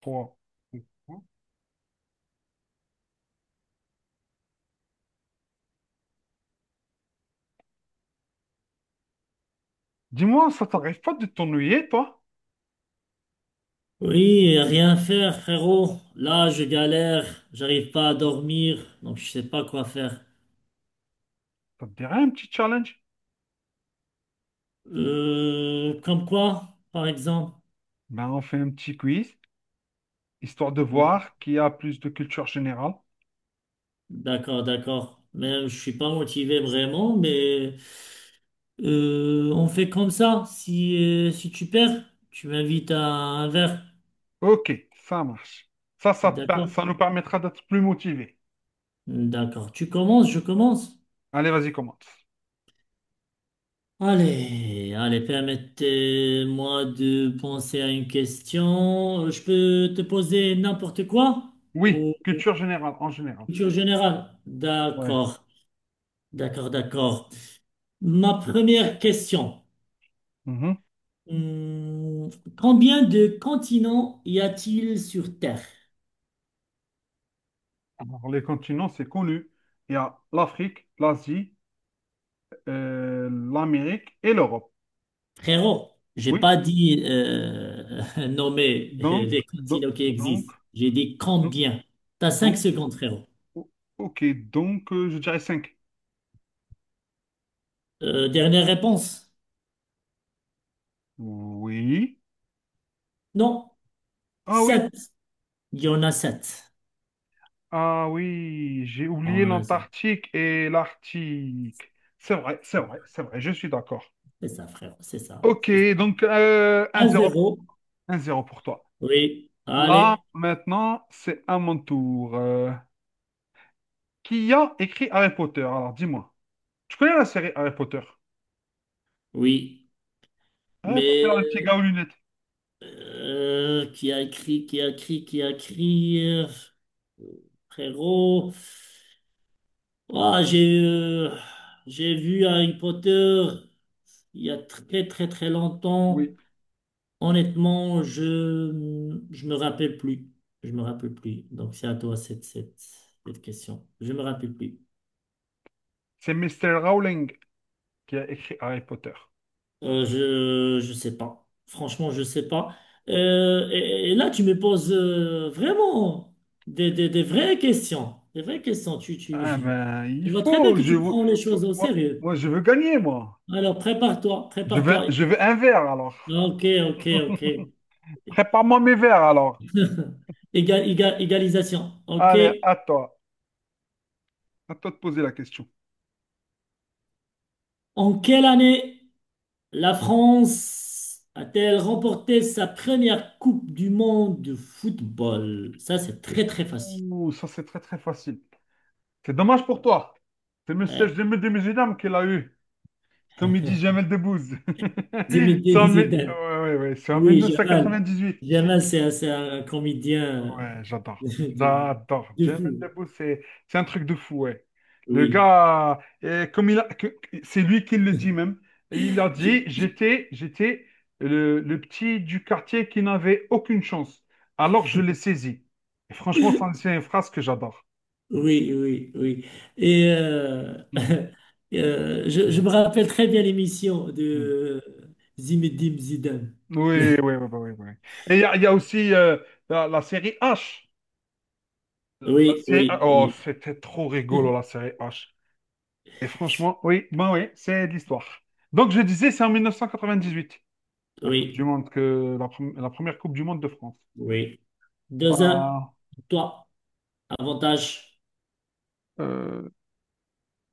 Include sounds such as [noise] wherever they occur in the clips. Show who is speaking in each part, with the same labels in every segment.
Speaker 1: Trois. Dis-moi, ça t'arrive pas de t'ennuyer, toi?
Speaker 2: Oui, rien faire, frérot. Là, je galère, j'arrive pas à dormir, donc je sais pas quoi faire.
Speaker 1: Ça te dirait un petit challenge?
Speaker 2: Comme quoi, par exemple?
Speaker 1: Ben, on fait un petit quiz, histoire de voir qui a plus de culture générale.
Speaker 2: D'accord, d'accord. Mais je suis pas motivé vraiment, mais on fait comme ça. Si tu perds, tu m'invites à un verre.
Speaker 1: Ok, ça marche.
Speaker 2: D'accord?
Speaker 1: Ça nous permettra d'être plus motivés.
Speaker 2: D'accord. Tu commences, je commence.
Speaker 1: Allez, vas-y, commence.
Speaker 2: Allez, allez, permettez-moi de penser à une question. Je peux te poser n'importe quoi
Speaker 1: Oui,
Speaker 2: ou
Speaker 1: culture générale, en général.
Speaker 2: culture générale?
Speaker 1: Ouais.
Speaker 2: D'accord, d'accord, d'accord. Ma première question.
Speaker 1: Mhm.
Speaker 2: Hum, Combien de continents y a-t-il sur Terre?
Speaker 1: Alors, les continents, c'est connu. Il y a l'Afrique, l'Asie, l'Amérique et l'Europe.
Speaker 2: Frérot, j'ai
Speaker 1: Oui,
Speaker 2: pas dit [laughs] nommer
Speaker 1: donc,
Speaker 2: les continents qui
Speaker 1: donc,
Speaker 2: existent. J'ai dit
Speaker 1: donc,
Speaker 2: combien. T'as cinq
Speaker 1: donc,
Speaker 2: secondes, frérot.
Speaker 1: O- Ok, donc je dirais 5.
Speaker 2: Dernière réponse?
Speaker 1: Oui.
Speaker 2: Non.
Speaker 1: Ah oui.
Speaker 2: Sept. Il y en a sept.
Speaker 1: Ah oui, j'ai
Speaker 2: On
Speaker 1: oublié
Speaker 2: en a sept.
Speaker 1: l'Antarctique et l'Arctique. C'est vrai, c'est vrai, c'est vrai, je suis d'accord.
Speaker 2: C'est ça, frère. C'est ça.
Speaker 1: Ok,
Speaker 2: C'est ça.
Speaker 1: donc
Speaker 2: À
Speaker 1: 1-0,
Speaker 2: zéro.
Speaker 1: 1-0 pour toi.
Speaker 2: Oui.
Speaker 1: Là,
Speaker 2: Allez.
Speaker 1: maintenant, c'est à mon tour. Qui a écrit Harry Potter? Alors, dis-moi. Tu connais la série Harry Potter?
Speaker 2: Oui.
Speaker 1: Harry Potter,
Speaker 2: Mais
Speaker 1: le petit gars aux lunettes.
Speaker 2: qui a écrit, qui a écrit, qui a écrit, frérot. Ah, j'ai vu Harry Potter il y a très très très
Speaker 1: Oui.
Speaker 2: longtemps. Honnêtement, je me rappelle plus. Je me rappelle plus. Donc c'est à toi cette question. Je me rappelle plus.
Speaker 1: C'est Mister Rowling qui a écrit Harry Potter.
Speaker 2: Je sais pas. Franchement, je sais pas. Et là, tu me poses vraiment des vraies questions. Des vraies questions.
Speaker 1: Ah ben,
Speaker 2: [laughs]
Speaker 1: il
Speaker 2: Je vois très bien
Speaker 1: faut.
Speaker 2: que
Speaker 1: Je
Speaker 2: tu
Speaker 1: veux,
Speaker 2: prends les choses au
Speaker 1: moi,
Speaker 2: sérieux.
Speaker 1: moi, je veux gagner, moi.
Speaker 2: Alors, prépare-toi, prépare-toi.
Speaker 1: Je veux un verre, alors.
Speaker 2: Ok, ok, ok.
Speaker 1: Prépare-moi mes verres, alors.
Speaker 2: Égalisation. Ok.
Speaker 1: Allez, à toi. À toi de poser la question.
Speaker 2: En quelle année la France a-t-elle remporté sa première Coupe du monde de football? Ça, c'est très, très facile.
Speaker 1: Ouh, ça, c'est très, très facile. C'est dommage pour toi. C'est le message
Speaker 2: Ouais.
Speaker 1: de mes musulmans qu'il a eu. Comme il dit Jamel Debbouze. [laughs] C'est en,
Speaker 2: Zinedine Zidane.
Speaker 1: ouais, ouais, ouais, c'est en
Speaker 2: Oui, Jamal.
Speaker 1: 1998.
Speaker 2: Jamal, c'est un comédien
Speaker 1: Ouais,
Speaker 2: [laughs]
Speaker 1: j'adore.
Speaker 2: de,
Speaker 1: J'adore.
Speaker 2: de
Speaker 1: Jamel
Speaker 2: fou.
Speaker 1: Debbouze, c'est un truc de fou, ouais. Le
Speaker 2: Oui.
Speaker 1: gars, comme il a, c'est lui qui le dit même. Et il a
Speaker 2: Je-
Speaker 1: dit, j'étais le petit du quartier qui n'avait aucune chance. Alors je l'ai saisi. Et franchement, ça, c'est une phrase que j'adore.
Speaker 2: oui, oui, oui. Et
Speaker 1: Mm.
Speaker 2: [laughs] je me rappelle très bien l'émission
Speaker 1: Mm.
Speaker 2: de Zimedim Zidane.
Speaker 1: Oui, oui,
Speaker 2: [laughs]
Speaker 1: oui, oui, oui. Et il y a aussi la série H.
Speaker 2: Oui, oui,
Speaker 1: Oh,
Speaker 2: oui,
Speaker 1: c'était trop rigolo, la série H. Et franchement, oui, ben oui, c'est de l'histoire. Donc je disais, c'est en 1998, la Coupe du
Speaker 2: oui,
Speaker 1: Monde, la première Coupe du Monde de France.
Speaker 2: oui. 2-1,
Speaker 1: Ah,
Speaker 2: toi, avantage.
Speaker 1: euh,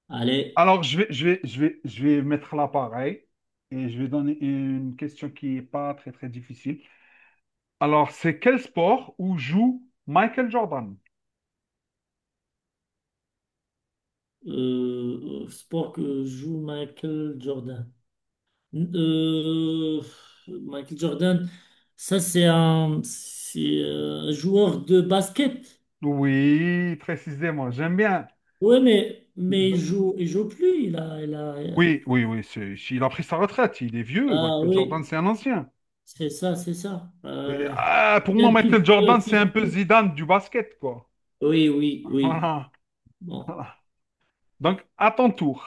Speaker 2: Allez,
Speaker 1: alors je vais mettre là pareil et je vais donner une question qui n'est pas très très difficile. Alors c'est quel sport où joue Michael Jordan?
Speaker 2: sport que joue Michael Jordan. Euh, Michael Jordan, ça c'est un joueur de basket.
Speaker 1: Oui, précisément, j'aime bien.
Speaker 2: Oui, mais il joue plus.
Speaker 1: Oui, oui, oui, il a pris sa retraite, il est vieux,
Speaker 2: Ah
Speaker 1: Michael Jordan
Speaker 2: oui,
Speaker 1: c'est un ancien.
Speaker 2: c'est ça, c'est ça.
Speaker 1: Oui, ah, pour
Speaker 2: C'est un
Speaker 1: moi, Michael
Speaker 2: petit
Speaker 1: Jordan,
Speaker 2: peu
Speaker 1: c'est un peu
Speaker 2: surpris.
Speaker 1: Zidane du basket, quoi.
Speaker 2: Oui, oui,
Speaker 1: [laughs]
Speaker 2: oui.
Speaker 1: Voilà.
Speaker 2: Bon.
Speaker 1: Voilà. Donc, à ton tour.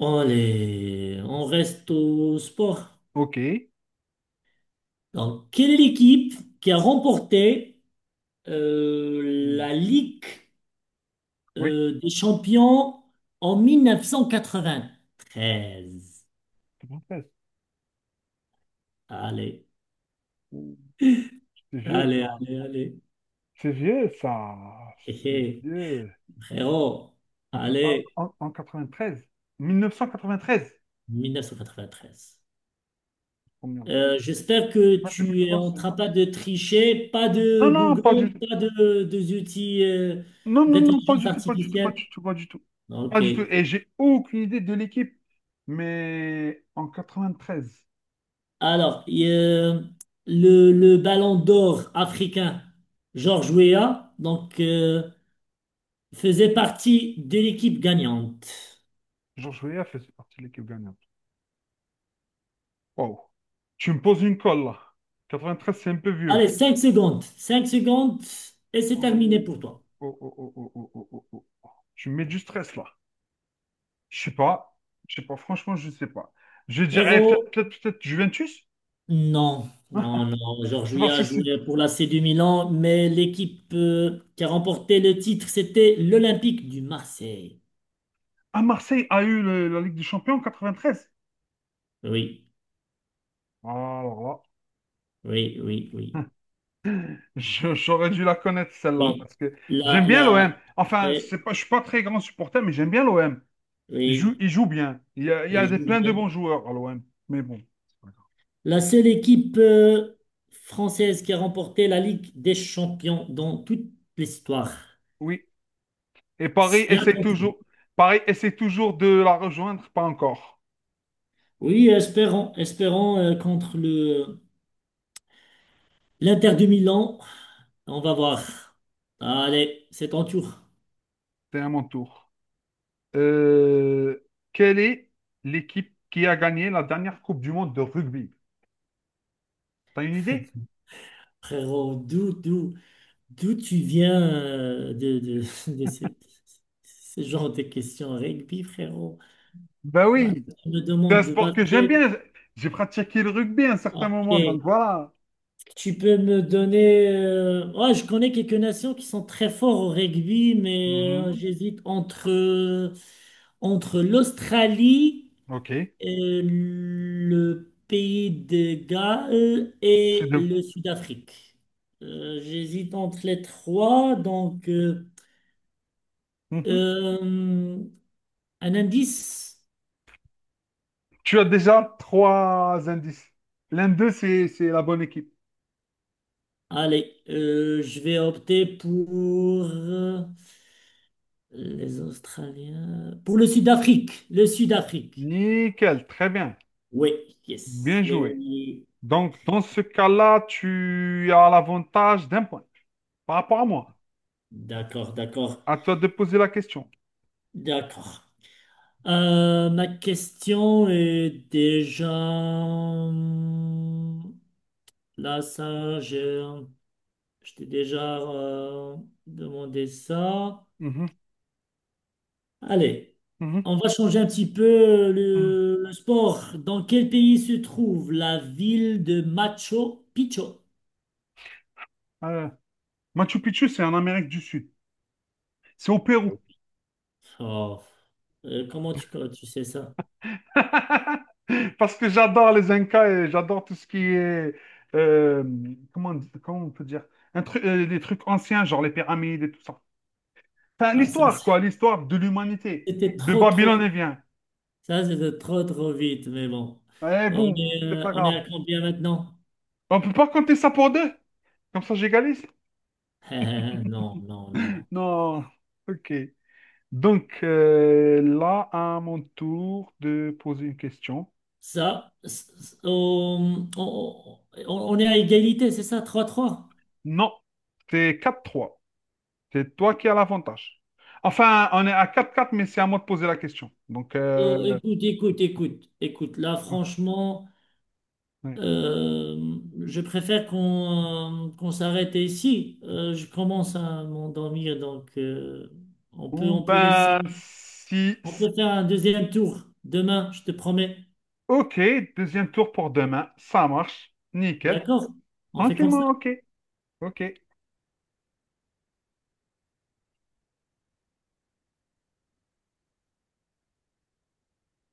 Speaker 2: Allez, on reste au sport.
Speaker 1: OK.
Speaker 2: Donc, quelle est l'équipe qui a remporté euh,
Speaker 1: Hmm.
Speaker 2: la Ligue
Speaker 1: Oui.
Speaker 2: des champions en 1993.
Speaker 1: C'est bon, c'est-
Speaker 2: Allez,
Speaker 1: c'est vieux,
Speaker 2: allez,
Speaker 1: ça.
Speaker 2: allez, allez.
Speaker 1: C'est vieux, ça.
Speaker 2: Hé,
Speaker 1: C'est
Speaker 2: hé,
Speaker 1: vieux.
Speaker 2: frérot, allez,
Speaker 1: En 93. 1993.
Speaker 2: 1993.
Speaker 1: Combien?
Speaker 2: J'espère que
Speaker 1: C'est pas
Speaker 2: tu es
Speaker 1: 2003,
Speaker 2: en
Speaker 1: c'est-
Speaker 2: train pas de tricher, pas
Speaker 1: Non,
Speaker 2: de
Speaker 1: non, pas
Speaker 2: Google,
Speaker 1: du tout.
Speaker 2: pas de, des outils
Speaker 1: Non, non, non, pas
Speaker 2: d'intelligence
Speaker 1: du tout, pas du tout, pas
Speaker 2: artificielle.
Speaker 1: du tout, pas du tout. Pas
Speaker 2: Ok.
Speaker 1: du tout. Et j'ai aucune idée de l'équipe. Mais en 93,
Speaker 2: Alors, et, le ballon d'or africain, George Weah, donc faisait partie de l'équipe gagnante.
Speaker 1: Georges Weah faisait partie de l'équipe gagnante. Wow. Tu me poses une colle là. 93, c'est un peu vieux.
Speaker 2: Allez, 5 secondes. 5 secondes et c'est
Speaker 1: Oh,
Speaker 2: terminé pour toi.
Speaker 1: oh, oh, oh, oh, oh, oh, oh, oh, oh. Tu me mets du stress là. Je sais pas. Je sais pas. Franchement, je sais pas. Je dirais
Speaker 2: Héros,
Speaker 1: peut-être Juventus.
Speaker 2: non. Non, non. Georges
Speaker 1: C'est parce
Speaker 2: Weah a
Speaker 1: que si.
Speaker 2: joué pour l'AC du Milan, mais l'équipe qui a remporté le titre, c'était l'Olympique du Marseille.
Speaker 1: Ah, Marseille a eu la Ligue des Champions en 93.
Speaker 2: Oui,
Speaker 1: Alors
Speaker 2: oui, oui, oui.
Speaker 1: là. [laughs] J'aurais dû la connaître celle-là
Speaker 2: Oui.
Speaker 1: parce que
Speaker 2: La,
Speaker 1: j'aime bien
Speaker 2: la,
Speaker 1: l'OM. Enfin,
Speaker 2: oui,
Speaker 1: c'est pas, je suis pas très grand supporter, mais j'aime bien l'OM.
Speaker 2: oui.
Speaker 1: Il joue bien. Il y a
Speaker 2: Et je
Speaker 1: des,
Speaker 2: vous
Speaker 1: plein de bons
Speaker 2: dis,
Speaker 1: joueurs à l'OM. Mais bon,
Speaker 2: la seule équipe française qui a remporté la Ligue des Champions dans toute l'histoire.
Speaker 1: oui, et Paris essaie toujours de la rejoindre, pas encore.
Speaker 2: Oui, espérons, espérons contre le l'Inter de Milan. On va voir. Allez, c'est ton tour.
Speaker 1: C'est à mon tour. Euh, quelle est l'équipe qui a gagné la dernière Coupe du Monde de rugby? T'as une idée?
Speaker 2: Frérot, d'où tu viens [laughs] de ce genre de questions rugby, frérot?
Speaker 1: Bah
Speaker 2: Ah,
Speaker 1: oui.
Speaker 2: tu me
Speaker 1: C'est un
Speaker 2: demandes de
Speaker 1: sport que j'aime
Speaker 2: basket.
Speaker 1: bien. J'ai pratiqué le rugby à un certain
Speaker 2: Ok.
Speaker 1: moment, donc voilà.
Speaker 2: Tu peux me donner, ouais, je connais quelques nations qui sont très forts au rugby, mais
Speaker 1: Mhm.
Speaker 2: j'hésite entre l'Australie.
Speaker 1: Ok.
Speaker 2: Le pays de Galles
Speaker 1: C'est
Speaker 2: et
Speaker 1: deux.
Speaker 2: le Sud-Afrique. J'hésite entre les trois, donc
Speaker 1: Mhm.
Speaker 2: euh, un indice.
Speaker 1: Tu as déjà trois indices. L'un d'eux, c'est la bonne équipe.
Speaker 2: Allez, je vais opter pour euh, les Australiens, pour le Sud-Afrique, le Sud-Afrique.
Speaker 1: Nickel, très bien.
Speaker 2: Oui, yes,
Speaker 1: Bien
Speaker 2: oui, oui,
Speaker 1: joué.
Speaker 2: oui.
Speaker 1: Donc, dans ce cas-là, tu as l'avantage d'un point par rapport à moi.
Speaker 2: D'accord, d'accord,
Speaker 1: À toi de poser la question.
Speaker 2: d'accord. Ma question est déjà. Là, ça, je t'ai déjà demandé ça.
Speaker 1: Mhm,
Speaker 2: Allez,
Speaker 1: mhm,
Speaker 2: on va changer un petit peu
Speaker 1: mhm.
Speaker 2: le sport. Dans quel pays se trouve la ville de Machu Picchu?
Speaker 1: Euh, Machu Picchu, c'est en Amérique du Sud. C'est au Pérou.
Speaker 2: Oh, comment tu sais ça?
Speaker 1: [laughs] Parce que j'adore les Incas et j'adore tout ce qui est... euh, comment, comment on peut dire? Un truc, les trucs anciens, genre les pyramides et tout ça. Enfin,
Speaker 2: Ah, ça,
Speaker 1: l'histoire, quoi. L'histoire de l'humanité.
Speaker 2: c'était
Speaker 1: De
Speaker 2: trop, trop
Speaker 1: Babylone et
Speaker 2: vite.
Speaker 1: vient.
Speaker 2: Ça, c'était trop, trop vite, mais bon.
Speaker 1: Eh
Speaker 2: On
Speaker 1: bon,
Speaker 2: est,
Speaker 1: c'est
Speaker 2: euh,
Speaker 1: pas
Speaker 2: on est
Speaker 1: grave.
Speaker 2: à combien maintenant?
Speaker 1: On peut pas compter ça pour deux. Comme ça, j'égalise.
Speaker 2: [laughs] Non, non, non.
Speaker 1: Non, ok. Donc là, à mon tour de poser une question.
Speaker 2: Ça, c- c- on est à égalité, c'est ça, 3-3.
Speaker 1: Non, c'est 4-3. C'est toi qui as l'avantage. Enfin, on est à 4-4, mais c'est à moi de poser la question. Donc,
Speaker 2: Euh, écoute, écoute, écoute, écoute. Là, franchement,
Speaker 1: ouais.
Speaker 2: euh, je préfère qu'on s'arrête ici. Je commence à m'endormir, donc on peut,
Speaker 1: Ou
Speaker 2: on peut laisser,
Speaker 1: ben, si...
Speaker 2: on peut faire un deuxième tour demain, je te promets.
Speaker 1: Ok, deuxième tour pour demain. Ça marche. Nickel.
Speaker 2: D'accord? On fait comme ça.
Speaker 1: Tranquillement, ok. Ok.